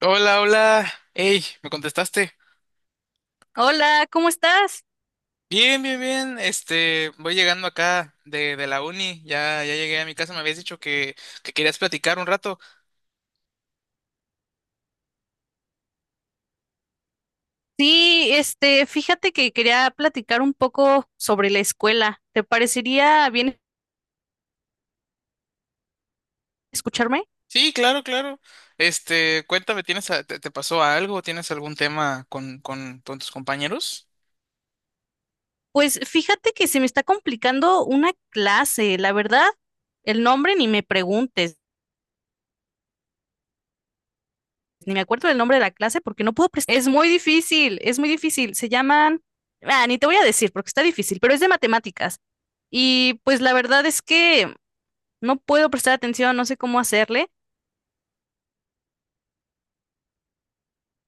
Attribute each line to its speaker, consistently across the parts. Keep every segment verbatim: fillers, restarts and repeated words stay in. Speaker 1: Hola, hola. Hey, ¿me contestaste?
Speaker 2: Hola, ¿cómo estás?
Speaker 1: Bien, bien, bien. Este, voy llegando acá de, de la uni. Ya, ya llegué a mi casa. Me habías dicho que, que querías platicar un rato.
Speaker 2: Sí, este, fíjate que quería platicar un poco sobre la escuela. ¿Te parecería bien escucharme?
Speaker 1: Sí, claro, claro. Este, cuéntame, ¿tienes, a- te, te pasó algo? ¿Tienes algún tema con, con, con tus compañeros?
Speaker 2: Pues fíjate que se me está complicando una clase, la verdad, el nombre ni me preguntes, ni me acuerdo del nombre de la clase porque no puedo prestar. Es muy difícil, es muy difícil. Se llaman, ah, ni te voy a decir porque está difícil, pero es de matemáticas. Y pues la verdad es que no puedo prestar atención, no sé cómo hacerle.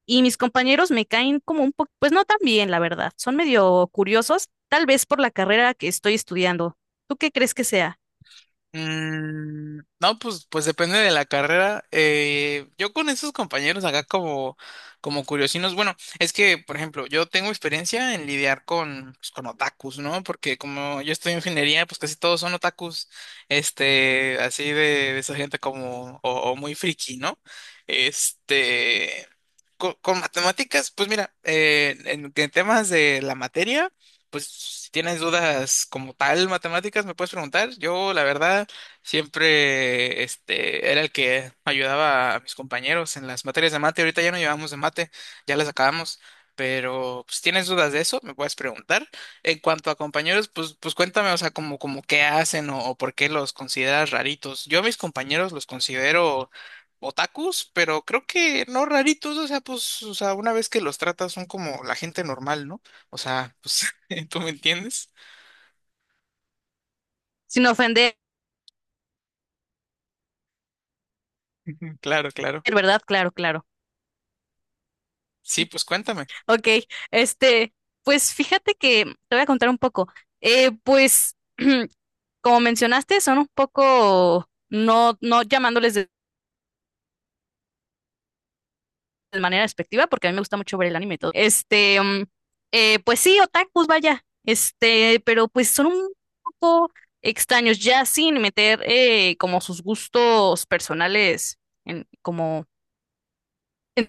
Speaker 2: Y mis compañeros me caen como un poco, pues no tan bien, la verdad. Son medio curiosos, tal vez por la carrera que estoy estudiando. ¿Tú qué crees que sea?
Speaker 1: Mm, no, pues, pues depende de la carrera. Eh, yo con esos compañeros acá como, como curiosinos, bueno, es que, por ejemplo, yo tengo experiencia en lidiar con, pues, con otakus, ¿no? Porque como yo estoy en ingeniería, pues casi todos son otakus, este, así de, de esa gente como, o, o muy friki, ¿no? Este, co- con, matemáticas, pues mira, eh, en en temas de la materia. Pues si tienes dudas como tal matemáticas, me puedes preguntar. Yo, la verdad, siempre este, era el que ayudaba a mis compañeros en las materias de mate. Ahorita ya no llevamos de mate, ya las acabamos. Pero pues, si tienes dudas de eso, me puedes preguntar. En cuanto a compañeros, pues, pues cuéntame, o sea, como, como qué hacen o, o por qué los consideras raritos. Yo a mis compañeros los considero otakus, pero creo que no raritos, o sea, pues, o sea, una vez que los tratas son como la gente normal, ¿no? O sea, pues ¿Tú me entiendes?
Speaker 2: Sin ofender,
Speaker 1: Claro, claro.
Speaker 2: ¿verdad? Claro, claro.
Speaker 1: Sí, pues cuéntame.
Speaker 2: Ok, este, pues fíjate que te voy a contar un poco. Eh, pues, como mencionaste, son un poco, no, no llamándoles de manera despectiva, porque a mí me gusta mucho ver el anime y todo. Este, mm, eh, pues sí, otakus, vaya. Este, pero pues son un poco extraños, ya sin meter eh, como sus gustos personales en, como en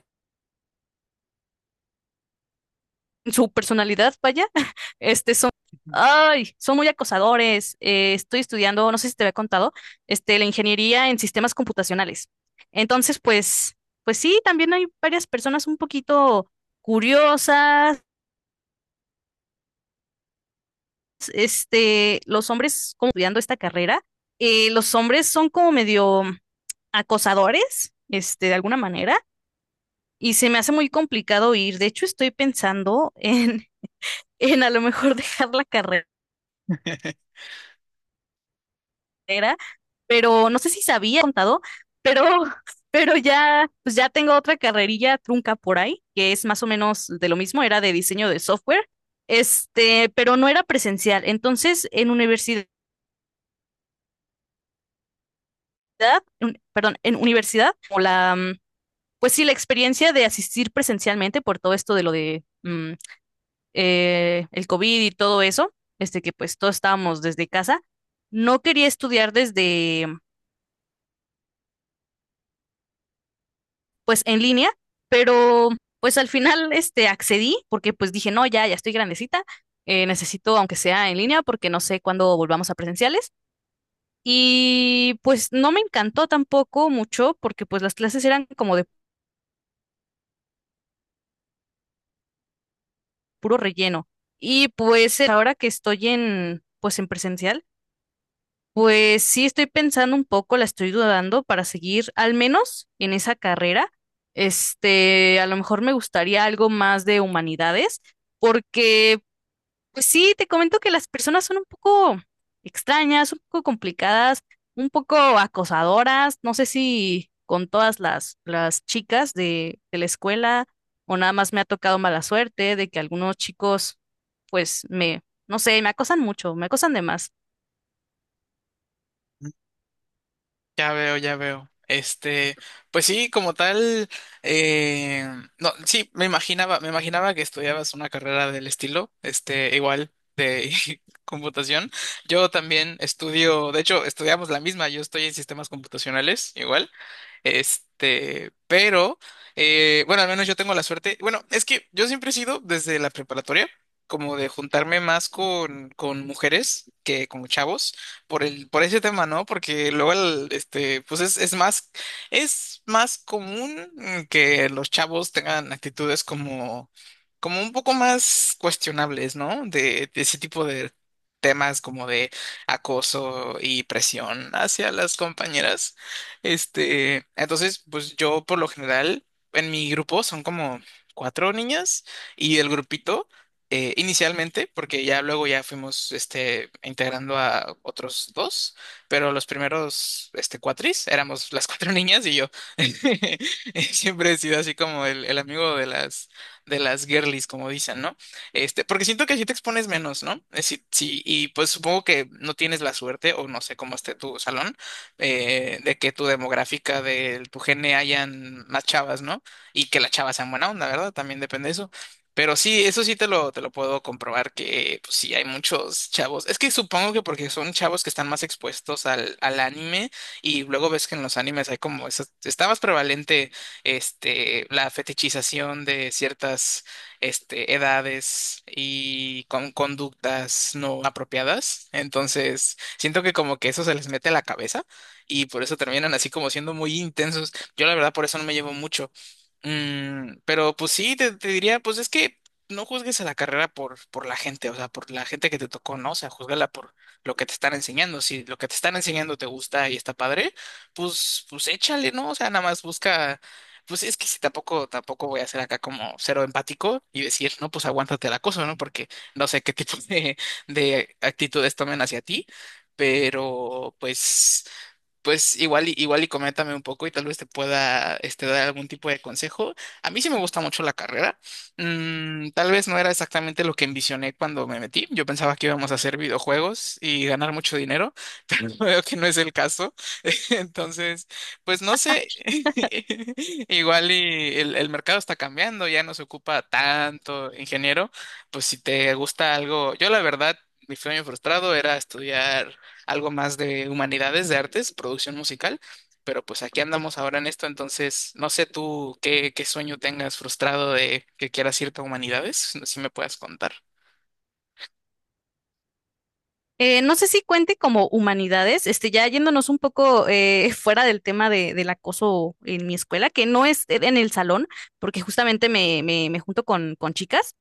Speaker 2: en su personalidad, vaya. Este, son, ay, son muy acosadores. Eh, estoy estudiando, no sé si te había contado, este, la ingeniería en sistemas computacionales. Entonces, pues, pues sí, también hay varias personas un poquito curiosas, este, los hombres como estudiando esta carrera, eh, los hombres son como medio acosadores, este, de alguna manera, y se me hace muy complicado ir. De hecho, estoy pensando en, en a lo mejor dejar la carrera, pero no sé si sabía contado, pero, pero ya, pues ya tengo otra carrerilla trunca por ahí, que es más o menos de lo mismo, era de diseño de software, este, pero no era presencial. Entonces, en universidad, en- perdón, en universidad, como la mm, pues sí, la experiencia de asistir presencialmente por todo esto de lo de mm, eh, el COVID y todo eso, este que pues todos estábamos desde casa, no quería estudiar desde pues en línea, pero pues al final este accedí porque pues dije, no, ya, ya estoy grandecita, eh, necesito aunque sea en línea porque no sé cuándo volvamos a presenciales. Y pues no me encantó tampoco mucho porque pues las clases eran como de puro relleno. Y pues ahora que estoy en pues en presencial, pues sí, estoy pensando un poco, la estoy dudando para seguir al menos en esa carrera. Este, a lo mejor me gustaría algo más de humanidades, porque, pues sí, te comento que las personas son un poco extrañas, un poco complicadas, un poco acosadoras. No sé si con todas las, las chicas de, de la escuela o nada más me ha tocado mala suerte de que algunos chicos, pues me, no sé, me acosan mucho, me acosan de más.
Speaker 1: Ya veo, ya veo. Este, pues sí, como tal, eh, no, sí, me imaginaba, me imaginaba que estudiabas una carrera del estilo, este, igual de computación. Yo también estudio, de hecho, estudiamos la misma, yo estoy en sistemas computacionales, igual. Este, pero, eh, bueno, al menos yo tengo la suerte. Bueno, es que yo siempre he sido desde la preparatoria, como de juntarme más con, con mujeres que con chavos por el, por ese tema, ¿no? Porque luego el, este, pues es, es más, es más común mm, que los chavos tengan actitudes como, como un poco más cuestionables, ¿no? De, de ese tipo de temas como de acoso y presión hacia las compañeras. Este, entonces, pues yo por lo general en mi grupo son como cuatro niñas y el grupito eh, inicialmente, porque ya luego ya fuimos este, integrando a otros dos, pero los primeros este, cuatris éramos las cuatro niñas y yo. Siempre he sido así como el, el amigo de las, de las girlies, como dicen, ¿no? Este, porque siento que si te expones menos, ¿no? Eh, sí, sí, y pues supongo que no tienes la suerte, o no sé cómo esté tu salón, eh, de que tu demográfica, de tu gene hayan más chavas, ¿no? Y que las chavas sean buena onda, ¿verdad? También depende de eso. Pero sí, eso sí te lo, te lo puedo comprobar que pues, sí hay muchos chavos. Es que supongo que porque son chavos que están más expuestos al, al anime y luego ves que en los animes hay como eso, está más prevalente este, la fetichización de ciertas este, edades y con conductas no apropiadas. Entonces, siento que como que eso se les mete a la cabeza y por eso terminan así como siendo muy intensos. Yo la verdad por eso no me llevo mucho. Mm, pero pues sí, te, te diría, pues es que no juzgues a la carrera por, por la gente, o sea, por la gente que te tocó, ¿no? O sea, júzgala por lo que te están enseñando. Si lo que te están enseñando te gusta y está padre, pues, pues échale, ¿no? O sea, nada más busca, pues es que si tampoco, tampoco voy a ser acá como cero empático y decir, no, pues aguántate el acoso, ¿no? Porque no sé qué tipo de, de actitudes tomen hacia ti. Pero pues pues igual y, igual y coméntame un poco y tal vez te pueda este, dar algún tipo de consejo. A mí sí me gusta mucho la carrera. Mm, tal vez no era exactamente lo que envisioné cuando me metí. Yo pensaba que íbamos a hacer videojuegos y ganar mucho dinero, pero veo que no es el caso. Entonces, pues no sé. Igual y el, el mercado está cambiando, ya no se ocupa tanto ingeniero. Pues si te gusta algo, yo la verdad, mi sueño frustrado era estudiar algo más de humanidades, de artes, producción musical, pero pues aquí andamos ahora en esto, entonces no sé tú qué, qué sueño tengas frustrado de que quieras irte a humanidades, si si me puedas contar.
Speaker 2: Eh, no sé si cuente como humanidades, este, ya yéndonos un poco eh, fuera del tema de, del acoso en mi escuela, que no es en el salón, porque justamente me, me, me junto con, con chicas.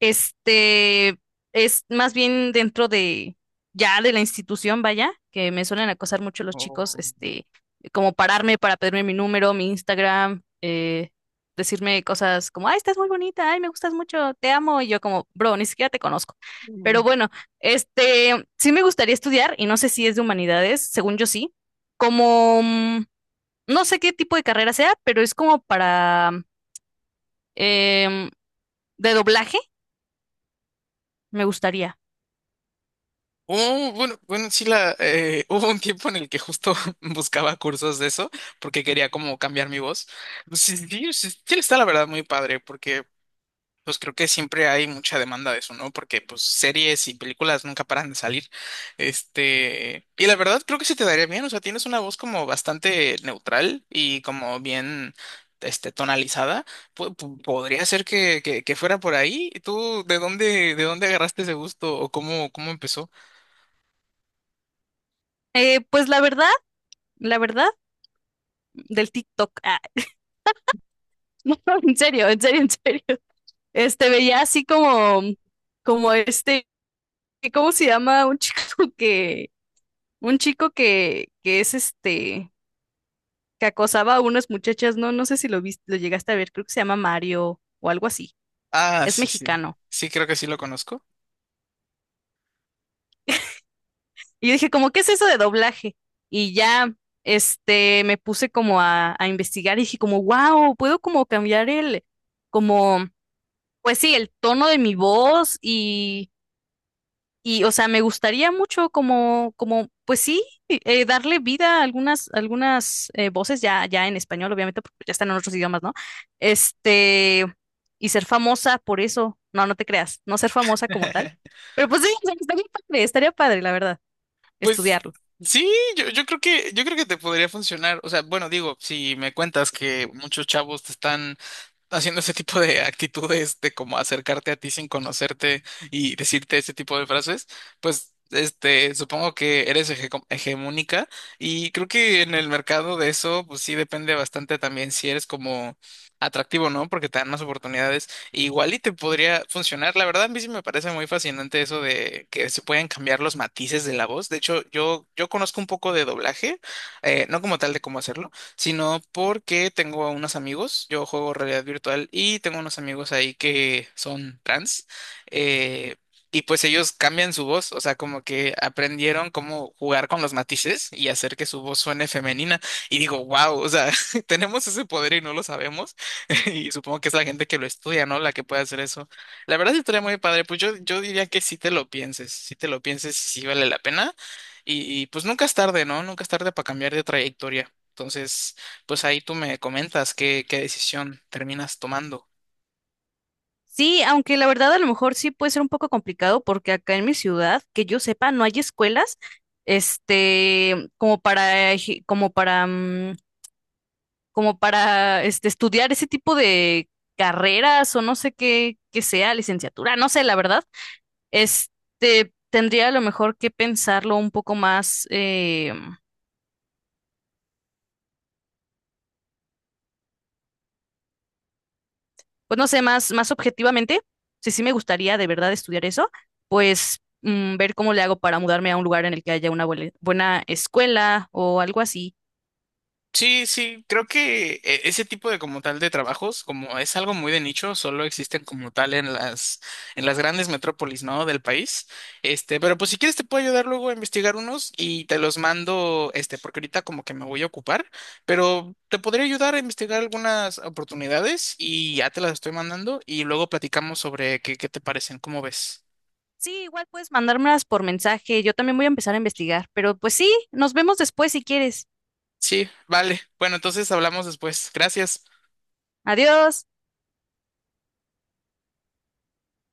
Speaker 2: Este es más bien dentro de ya de la institución, vaya, que me suelen acosar mucho los chicos,
Speaker 1: O-
Speaker 2: este, como pararme para pedirme mi número, mi Instagram, eh, decirme cosas como, ay, estás muy bonita, ay, me gustas mucho, te amo, y yo como, bro, ni siquiera te conozco. Pero bueno, este, sí me gustaría estudiar, y no sé si es de humanidades, según yo sí, como, mm, no sé qué tipo de carrera sea, pero es como para, em, de doblaje, me gustaría.
Speaker 1: Oh, bueno, bueno, sí, la, eh, hubo un tiempo en el que justo buscaba cursos de eso porque quería como cambiar mi voz. Sí, sí, sí, sí está la verdad muy padre porque pues creo que siempre hay mucha demanda de eso, ¿no? Porque pues series y películas nunca paran de salir. Este, y la verdad creo que se te daría bien, o sea, tienes una voz como bastante neutral y como bien este tonalizada. Po- po- podría ser que, que, que fuera por ahí. ¿Tú de dónde de dónde agarraste ese gusto o cómo cómo empezó?
Speaker 2: Eh, pues la verdad, la verdad, del TikTok. Ah, no, en serio, en serio, en serio. Este veía así como, como este, ¿cómo se llama? Un chico que, un chico que, que es este, que acosaba a unas muchachas, no, no sé si lo viste, lo llegaste a ver, creo que se llama Mario o algo así.
Speaker 1: Ah,
Speaker 2: Es
Speaker 1: sí, sí.
Speaker 2: mexicano.
Speaker 1: Sí, creo que sí lo conozco.
Speaker 2: Y yo dije, como, ¿qué es eso de doblaje? Y ya, este, me puse como a, a investigar y dije como, wow, puedo como cambiar el, como pues sí, el tono de mi voz y, y o sea, me gustaría mucho como, como, pues sí, eh, darle vida a algunas, algunas eh, voces ya, ya en español, obviamente, porque ya están en otros idiomas, ¿no? Este, y ser famosa por eso. No, no te creas, no ser famosa como tal. Pero pues sí, o sea, estaría padre, estaría padre, la verdad,
Speaker 1: Pues
Speaker 2: estudiarlo.
Speaker 1: sí, yo, yo creo que yo creo que te podría funcionar. O sea, bueno, digo, si me cuentas que muchos chavos te están haciendo ese tipo de actitudes de como acercarte a ti sin conocerte y decirte ese tipo de frases, pues este, supongo que eres hege- hegemónica y creo que en el mercado de eso, pues sí depende bastante también si eres como atractivo, ¿no? Porque te dan más oportunidades. Igual y te podría funcionar. La verdad, a mí sí me parece muy fascinante eso de que se pueden cambiar los matices de la voz. De hecho, yo, yo conozco un poco de doblaje, eh, no como tal de cómo hacerlo sino porque tengo a unos amigos, yo juego realidad virtual y tengo unos amigos ahí que son trans, eh, y pues ellos cambian su voz, o sea, como que aprendieron cómo jugar con los matices y hacer que su voz suene femenina. Y digo, wow, o sea, tenemos ese poder y no lo sabemos, y supongo que es la gente que lo estudia, ¿no? La que puede hacer eso. La verdad sí estaría muy padre, pues yo, yo diría que si te lo pienses, si te lo pienses, sí vale la pena. Y, y pues nunca es tarde, ¿no? Nunca es tarde para cambiar de trayectoria. Entonces, pues ahí tú me comentas qué, qué decisión terminas tomando.
Speaker 2: Sí, aunque la verdad a lo mejor sí puede ser un poco complicado porque acá en mi ciudad, que yo sepa, no hay escuelas, este, como para, eje- como para, mm, como para este, estudiar ese tipo de carreras o no sé qué, qué sea, licenciatura, no sé, la verdad, este, tendría a lo mejor que pensarlo un poco más, eh, pues no sé, más, más objetivamente, si sí me gustaría de verdad estudiar eso, pues mm, ver cómo le hago para mudarme a un lugar en el que haya una buena, buena escuela o algo así.
Speaker 1: Sí, sí, creo que eh, ese tipo de como tal de trabajos, como es algo muy de nicho, solo existen como tal en las en las grandes metrópolis, ¿no? Del país. Este, pero pues si quieres te puedo ayudar luego a investigar unos y te los mando, este, porque ahorita como que me voy a ocupar, pero te podría ayudar a investigar algunas oportunidades y ya te las estoy mandando y luego platicamos sobre qué, qué te parecen, ¿cómo ves?
Speaker 2: Sí, igual puedes mandármelas por mensaje, yo también voy a empezar a investigar, pero pues sí, nos vemos después si quieres.
Speaker 1: Sí, vale. Bueno, entonces hablamos después. Gracias.
Speaker 2: Adiós.